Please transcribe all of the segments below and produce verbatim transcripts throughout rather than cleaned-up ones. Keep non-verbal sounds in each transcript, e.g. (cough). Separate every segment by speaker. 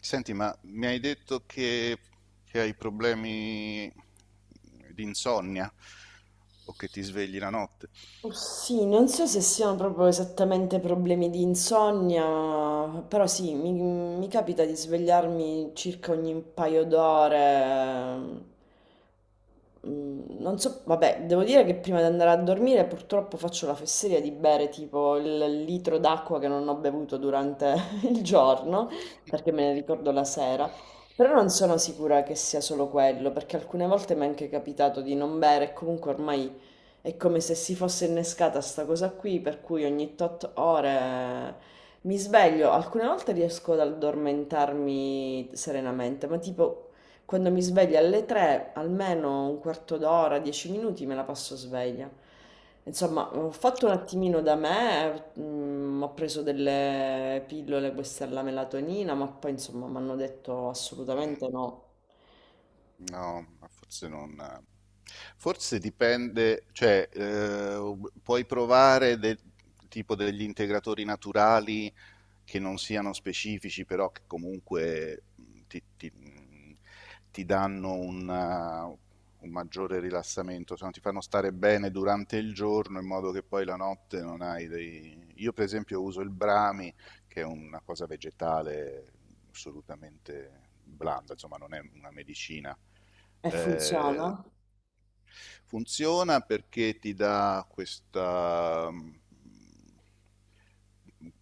Speaker 1: Senti, ma mi hai detto che, che hai problemi di insonnia o che ti svegli la notte?
Speaker 2: Oh, sì, non so se siano proprio esattamente problemi di insonnia, però sì, mi, mi capita di svegliarmi circa ogni paio d'ore. Mm, Non so, vabbè, devo dire che prima di andare a dormire purtroppo faccio la fesseria di bere tipo il litro d'acqua che non ho bevuto durante (laughs) il giorno, perché me ne ricordo la sera. Però non sono sicura che sia solo quello, perché alcune volte mi è anche capitato di non bere e comunque ormai è come se si fosse innescata sta cosa qui, per cui ogni tot ore mi sveglio. Alcune volte riesco ad addormentarmi serenamente, ma tipo quando mi sveglio alle tre, almeno un quarto d'ora, dieci minuti me la passo sveglia. Insomma, ho fatto un attimino da me, mm, ho preso delle pillole, questa è la melatonina, ma poi insomma mi hanno detto assolutamente no.
Speaker 1: No, ma forse non. Forse dipende, cioè eh, puoi provare de- tipo degli integratori naturali che non siano specifici, però che comunque mh, ti, ti- mh, ti danno una- un maggiore rilassamento, se no ti fanno stare bene durante il giorno in modo che poi la notte non hai dei Io per esempio uso il Brahmi che è una cosa vegetale assolutamente blanda, insomma non è una medicina.
Speaker 2: E funziona?
Speaker 1: Eh, Funziona perché ti dà questa,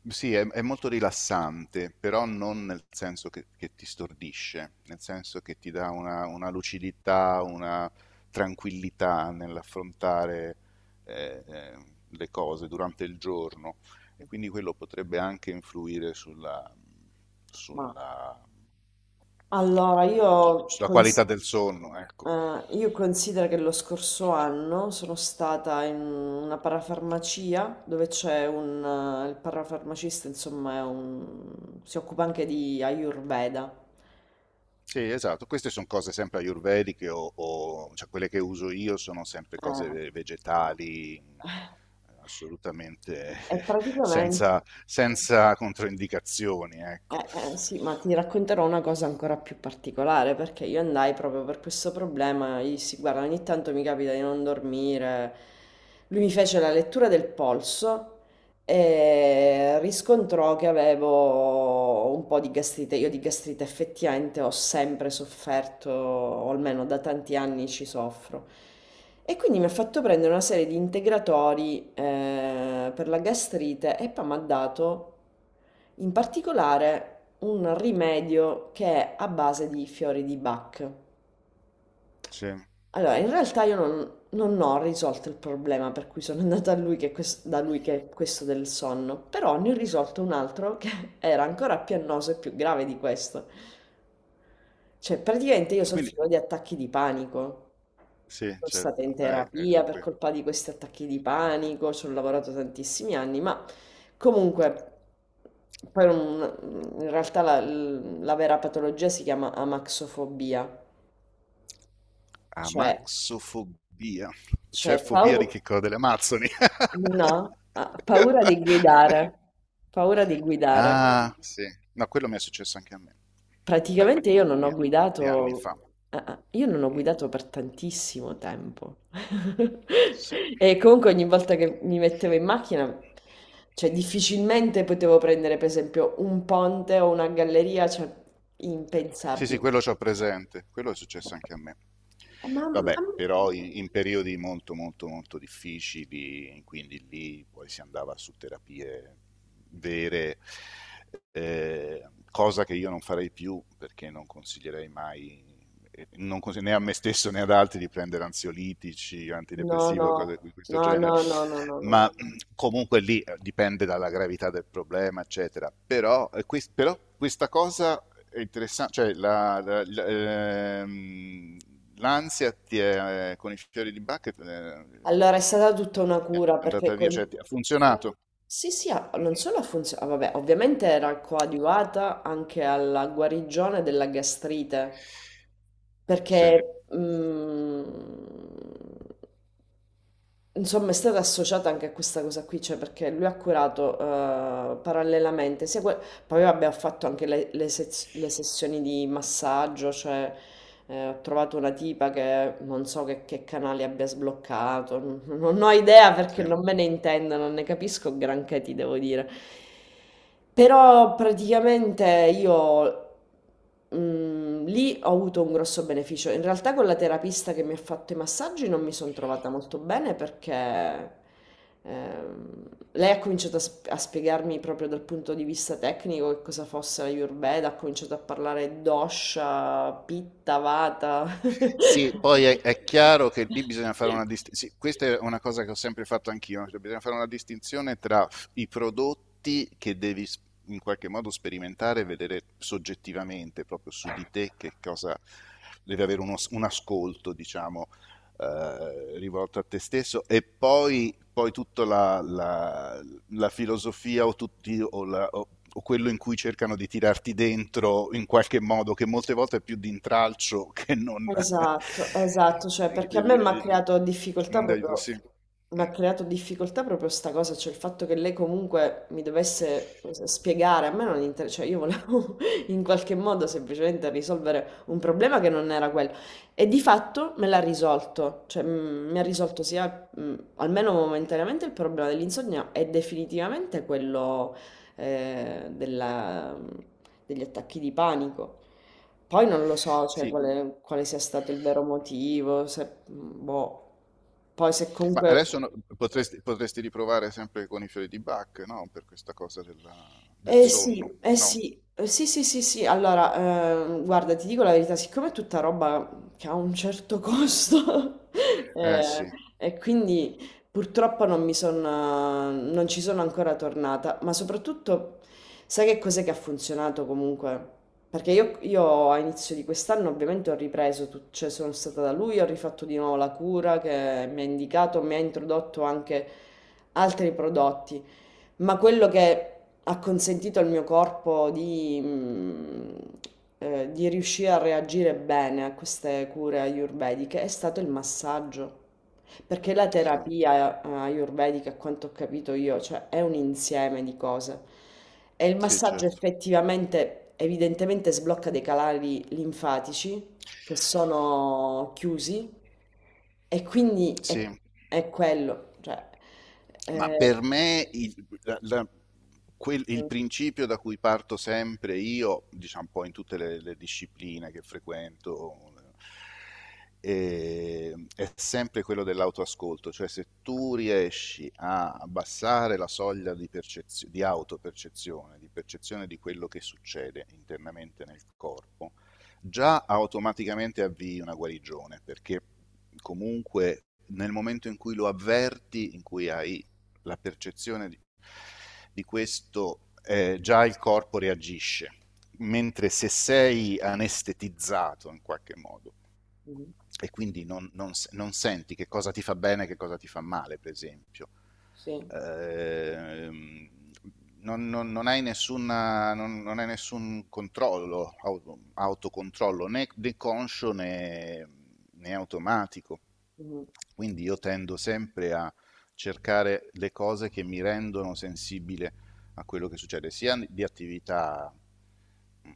Speaker 1: sì, è, è molto rilassante, però non nel senso che, che ti stordisce, nel senso che ti dà una, una lucidità, una tranquillità nell'affrontare eh, eh, le cose durante il giorno e quindi quello potrebbe anche influire sulla,
Speaker 2: Ma
Speaker 1: sulla,
Speaker 2: allora
Speaker 1: eh,
Speaker 2: io
Speaker 1: sulla
Speaker 2: con...
Speaker 1: qualità del sonno, ecco.
Speaker 2: Eh, io considero che lo scorso anno sono stata in una parafarmacia dove c'è un... eh, il parafarmacista, insomma, è un- si occupa anche di Ayurveda.
Speaker 1: Sì, esatto, queste sono cose sempre ayurvediche o, o- cioè quelle che uso io sono sempre
Speaker 2: Eh,
Speaker 1: cose ve- vegetali, mh,
Speaker 2: eh,
Speaker 1: assolutamente
Speaker 2: e
Speaker 1: (laughs)
Speaker 2: praticamente...
Speaker 1: senza, senza controindicazioni, ecco.
Speaker 2: Eh, eh, sì, ma ti racconterò una cosa ancora più particolare perché io andai proprio per questo problema. Gli dissi, guarda, ogni tanto mi capita di non dormire. Lui mi fece la lettura del polso e riscontrò che avevo un po' di gastrite. Io di gastrite effettivamente ho sempre sofferto, o almeno da tanti anni ci soffro. E quindi mi ha fatto prendere una serie di integratori eh, per la gastrite e poi mi ha dato in particolare un rimedio che è a base di fiori di Bach.
Speaker 1: Sì.
Speaker 2: Allora, in realtà io non, non ho risolto il problema per cui sono andata a lui che ques- da lui che è questo del sonno, però ne ho risolto un altro che (laughs) era ancora più annoso e più grave di questo. Cioè, praticamente io
Speaker 1: Quindi,
Speaker 2: soffrivo di attacchi di panico.
Speaker 1: sì,
Speaker 2: Sono stata
Speaker 1: certo.
Speaker 2: in
Speaker 1: Eh, eh,
Speaker 2: terapia
Speaker 1: è
Speaker 2: per
Speaker 1: quello.
Speaker 2: colpa di questi attacchi di
Speaker 1: Eh.
Speaker 2: panico, ci ho lavorato tantissimi anni, ma comunque, poi non- in realtà la, la vera patologia si chiama amaxofobia, cioè,
Speaker 1: Amaxofobia. C'è
Speaker 2: cioè
Speaker 1: fobia di
Speaker 2: pau-.
Speaker 1: che cosa? Delle Amazzoni.
Speaker 2: No, ah,
Speaker 1: (laughs)
Speaker 2: paura di guidare, paura di guidare.
Speaker 1: Ah, sì. No, quello mi è successo anche a me. Beh,
Speaker 2: Praticamente io non
Speaker 1: molti,
Speaker 2: ho
Speaker 1: molti anni fa.
Speaker 2: guidato, ah, ah, io non ho
Speaker 1: Mm,
Speaker 2: guidato per tantissimo tempo. (laughs)
Speaker 1: sì.
Speaker 2: E comunque ogni volta che mi mettevo in macchina, cioè difficilmente potevo prendere per esempio un ponte o una galleria, cioè
Speaker 1: Sì, sì, sì,
Speaker 2: impensabile.
Speaker 1: quello c'ho presente, quello è successo anche a me.
Speaker 2: Eh, ma,
Speaker 1: Vabbè,
Speaker 2: ma-
Speaker 1: però in, in periodi molto, molto, molto difficili, quindi lì poi si andava su terapie vere, eh, cosa che io non farei più perché non consiglierei mai non consiglio né a me stesso né ad altri di prendere ansiolitici,
Speaker 2: no,
Speaker 1: antidepressivi
Speaker 2: no,
Speaker 1: o cose di questo
Speaker 2: no,
Speaker 1: genere,
Speaker 2: no, no, no, no, no.
Speaker 1: ma comunque lì eh, dipende dalla gravità del problema, eccetera. Però, eh, quest- però questa cosa è interessante, cioè la- la- la- ehm, l'ansia ti è- eh, con i fiori di Bach eh,
Speaker 2: Allora è stata tutta una
Speaker 1: è
Speaker 2: cura perché
Speaker 1: andata via,
Speaker 2: con-.
Speaker 1: cioè ti- ha funzionato.
Speaker 2: Sì, sì, ha-
Speaker 1: Mm.
Speaker 2: non solo ha funzionato, vabbè, ovviamente era coadiuvata anche alla guarigione della gastrite, perché
Speaker 1: Sì,
Speaker 2: mm, insomma, è stata associata anche a questa cosa qui, cioè perché lui ha curato eh, parallelamente, sia que- poi vabbè, ha fatto anche le, le sez- le sessioni di massaggio, cioè eh, ho trovato una tipa che non so che, che canali abbia sbloccato, non, non ho idea perché
Speaker 1: sì.
Speaker 2: non me ne intendo, non ne capisco granché, ti devo dire. Però praticamente io mhmm, lì ho avuto un grosso beneficio. In realtà con la terapista che mi ha fatto i massaggi non mi son trovata molto bene perché, ehm, lei ha cominciato a sp a spiegarmi proprio dal punto di vista tecnico che cosa fosse l'Ayurveda, ha cominciato a parlare dosha, pitta, vata.
Speaker 1: Sì,
Speaker 2: (laughs)
Speaker 1: poi è, è chiaro che lì bisogna fare una distinzione. Questa è una cosa che ho sempre fatto anch'io, cioè bisogna fare una distinzione tra f- i prodotti che devi s- in qualche modo sperimentare e vedere soggettivamente, proprio su di te, che cosa deve avere uno s- un ascolto, diciamo, eh, rivolto a te stesso e poi, poi tutta la, la, la filosofia o, tutti, o, la- o- o- quello in cui cercano di tirarti dentro in qualche modo, che molte volte è più di intralcio che non,
Speaker 2: Esatto, esatto,
Speaker 1: (laughs)
Speaker 2: cioè perché a me mi ha creato
Speaker 1: che
Speaker 2: difficoltà
Speaker 1: non di aiuto,
Speaker 2: proprio,
Speaker 1: sì.
Speaker 2: mi
Speaker 1: Mm.
Speaker 2: ha creato difficoltà proprio sta cosa, cioè il fatto che lei comunque mi dovesse spiegare, a me non interessa, cioè io volevo (laughs) in qualche modo semplicemente risolvere un problema che non era quello e di fatto me l'ha risolto, cioè mm, mi ha risolto sia mm, almeno momentaneamente il problema dell'insonnia e definitivamente quello eh, della- degli attacchi di panico. Poi non lo so, cioè,
Speaker 1: Sì,
Speaker 2: quale, quale sia stato il vero motivo, se, boh. Poi se
Speaker 1: ma
Speaker 2: comunque
Speaker 1: adesso no- potresti, potresti riprovare sempre con i fiori di Bach, no? Per questa cosa della- del
Speaker 2: eh sì,
Speaker 1: sonno,
Speaker 2: eh
Speaker 1: no?
Speaker 2: sì, eh sì, sì, sì, sì. Allora, ehm, guarda, ti dico la verità, siccome è tutta roba che ha un certo costo, (laughs)
Speaker 1: Eh
Speaker 2: eh,
Speaker 1: sì,
Speaker 2: e quindi purtroppo non mi sono, non ci sono ancora tornata, ma soprattutto, sai che cos'è che ha funzionato comunque? Perché io, io a inizio di quest'anno ovviamente ho ripreso, tut- cioè sono stata da lui, ho rifatto di nuovo la cura che mi ha indicato, mi ha introdotto anche altri prodotti. Ma quello che ha consentito al mio corpo di, mm, eh, di riuscire a reagire bene a queste cure ayurvediche è stato il massaggio. Perché la
Speaker 1: sì,
Speaker 2: terapia eh, ayurvedica, a quanto ho capito io, cioè è un insieme di cose. E il
Speaker 1: sì,
Speaker 2: massaggio
Speaker 1: certo.
Speaker 2: effettivamente, evidentemente, sblocca dei canali linfatici che sono chiusi e quindi è,
Speaker 1: Sì.
Speaker 2: è quello. Cioè,
Speaker 1: Ma per me il, la- la- quel- il
Speaker 2: eh,
Speaker 1: principio da cui parto sempre io, diciamo un po' in tutte le, le discipline che frequento, eh, è sempre quello dell'autoascolto, cioè se tu riesci a abbassare la soglia di, percezio- di autopercezione, di percezione di quello che succede internamente nel corpo, già automaticamente avvii una guarigione, perché comunque nel momento in cui lo avverti, in cui hai la percezione di, di questo, eh, già il corpo reagisce, mentre se sei anestetizzato in qualche modo,
Speaker 2: mh-mh.
Speaker 1: e quindi non, non, non senti che cosa ti fa bene e che cosa ti fa male, per esempio.
Speaker 2: Sì,
Speaker 1: Eh, non, non, non, hai nessuna, non, non hai nessun controllo, auto, autocontrollo, né, né conscio né, né, automatico.
Speaker 2: mh-mh.
Speaker 1: Quindi io tendo sempre a cercare le cose che mi rendono sensibile a quello che succede sia di attività mh,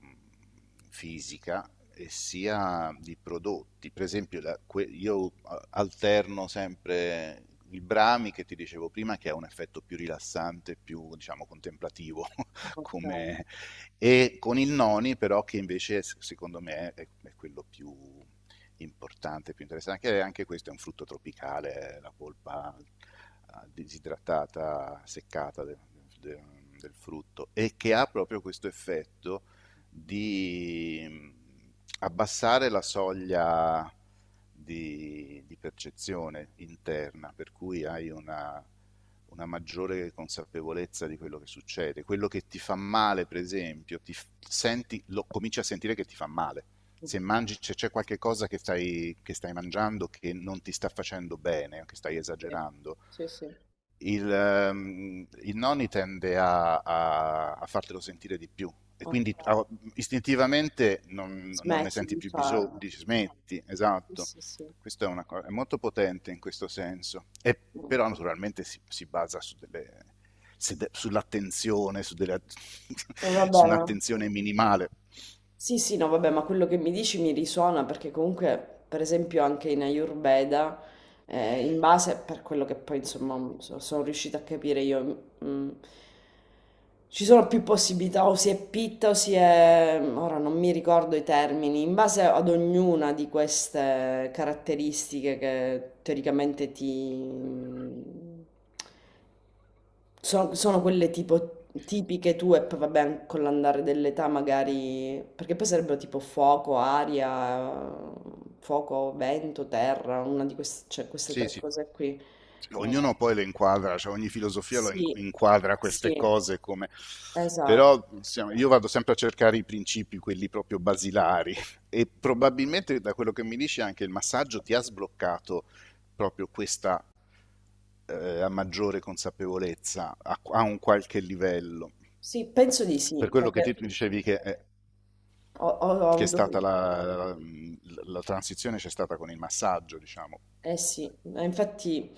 Speaker 1: fisica e sia di prodotti. Per esempio, la- que- io alterno sempre il Brami che ti dicevo prima, che ha un effetto più rilassante, più diciamo contemplativo (laughs)
Speaker 2: Okay,
Speaker 1: come, e con il Noni però che invece secondo me è, è quello più importante, più interessante, anche, anche questo è un frutto tropicale, eh, la polpa eh, disidratata, seccata de- de- del frutto e che ha proprio questo effetto di mm, abbassare la soglia di, di percezione interna, per cui hai una, una maggiore consapevolezza di quello che succede. Quello che ti fa male, per esempio, ti f- senti, lo cominci a sentire che ti fa male. Se
Speaker 2: okay,
Speaker 1: mangi, se c'è qualche cosa che stai, che stai mangiando che non ti sta facendo bene, che stai
Speaker 2: sì.
Speaker 1: esagerando,
Speaker 2: Sì, sì,
Speaker 1: il, ehm, il nonni tende a, a- a fartelo sentire di più e quindi
Speaker 2: okay.
Speaker 1: ah, istintivamente non, non ne
Speaker 2: Smetti
Speaker 1: senti
Speaker 2: di
Speaker 1: più bisogno,
Speaker 2: farlo.
Speaker 1: dici smetti,
Speaker 2: Sì,
Speaker 1: esatto.
Speaker 2: sì, sì.
Speaker 1: Questo è, una co- è molto potente in questo senso, e,
Speaker 2: Mh.
Speaker 1: però naturalmente si, si basa su delle- se de- sull'attenzione, su, delle-
Speaker 2: E va
Speaker 1: (laughs) su
Speaker 2: bene.
Speaker 1: un'attenzione minimale.
Speaker 2: Sì, sì, no, vabbè, ma quello che mi dici mi risuona perché comunque, per esempio, anche in Ayurveda, eh, in base per quello che poi, insomma, mm, so- sono riuscita a capire io, mm, mm, ci sono più possibilità, o si è pitta o si è... ora non mi ricordo i termini, in base ad ognuna di queste caratteristiche che teoricamente ti... mm, sono, sono quelle tipo tipiche tue, poi vabbè, an- con l'andare dell'età magari, perché poi sarebbero tipo fuoco, aria, fuoco, vento, terra, una di queste, cioè, queste
Speaker 1: Sì,
Speaker 2: tre
Speaker 1: sì,
Speaker 2: cose qui. Eh,
Speaker 1: ognuno poi le inquadra, cioè ogni filosofia lo in-
Speaker 2: sì,
Speaker 1: inquadra
Speaker 2: sì,
Speaker 1: queste cose come
Speaker 2: esatto.
Speaker 1: Però insomma, io vado sempre a cercare i principi, quelli proprio basilari, e probabilmente da quello che mi dici anche il massaggio ti ha sbloccato proprio questa eh, maggiore consapevolezza a, a un qualche livello.
Speaker 2: Sì, penso di sì,
Speaker 1: Per quello che ti
Speaker 2: perché
Speaker 1: tu dicevi che, eh,
Speaker 2: ho, ho- ho
Speaker 1: che è
Speaker 2: avuto
Speaker 1: stata la, la- la transizione c'è stata con il massaggio, diciamo.
Speaker 2: eh sì, ma infatti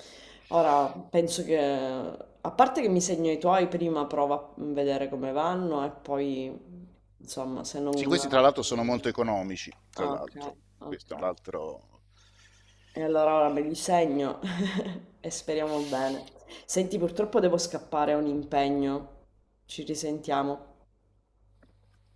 Speaker 2: ora penso che a parte che mi segno i tuoi, prima prova a vedere come vanno e poi insomma se
Speaker 1: Sì,
Speaker 2: non...
Speaker 1: questi tra l'altro sono molto economici, tra
Speaker 2: ah, ok,
Speaker 1: l'altro.
Speaker 2: ok.
Speaker 1: Questo è un altro
Speaker 2: E allora ora me li segno (laughs) e speriamo bene. Senti, purtroppo devo scappare, ho un impegno. Ci risentiamo.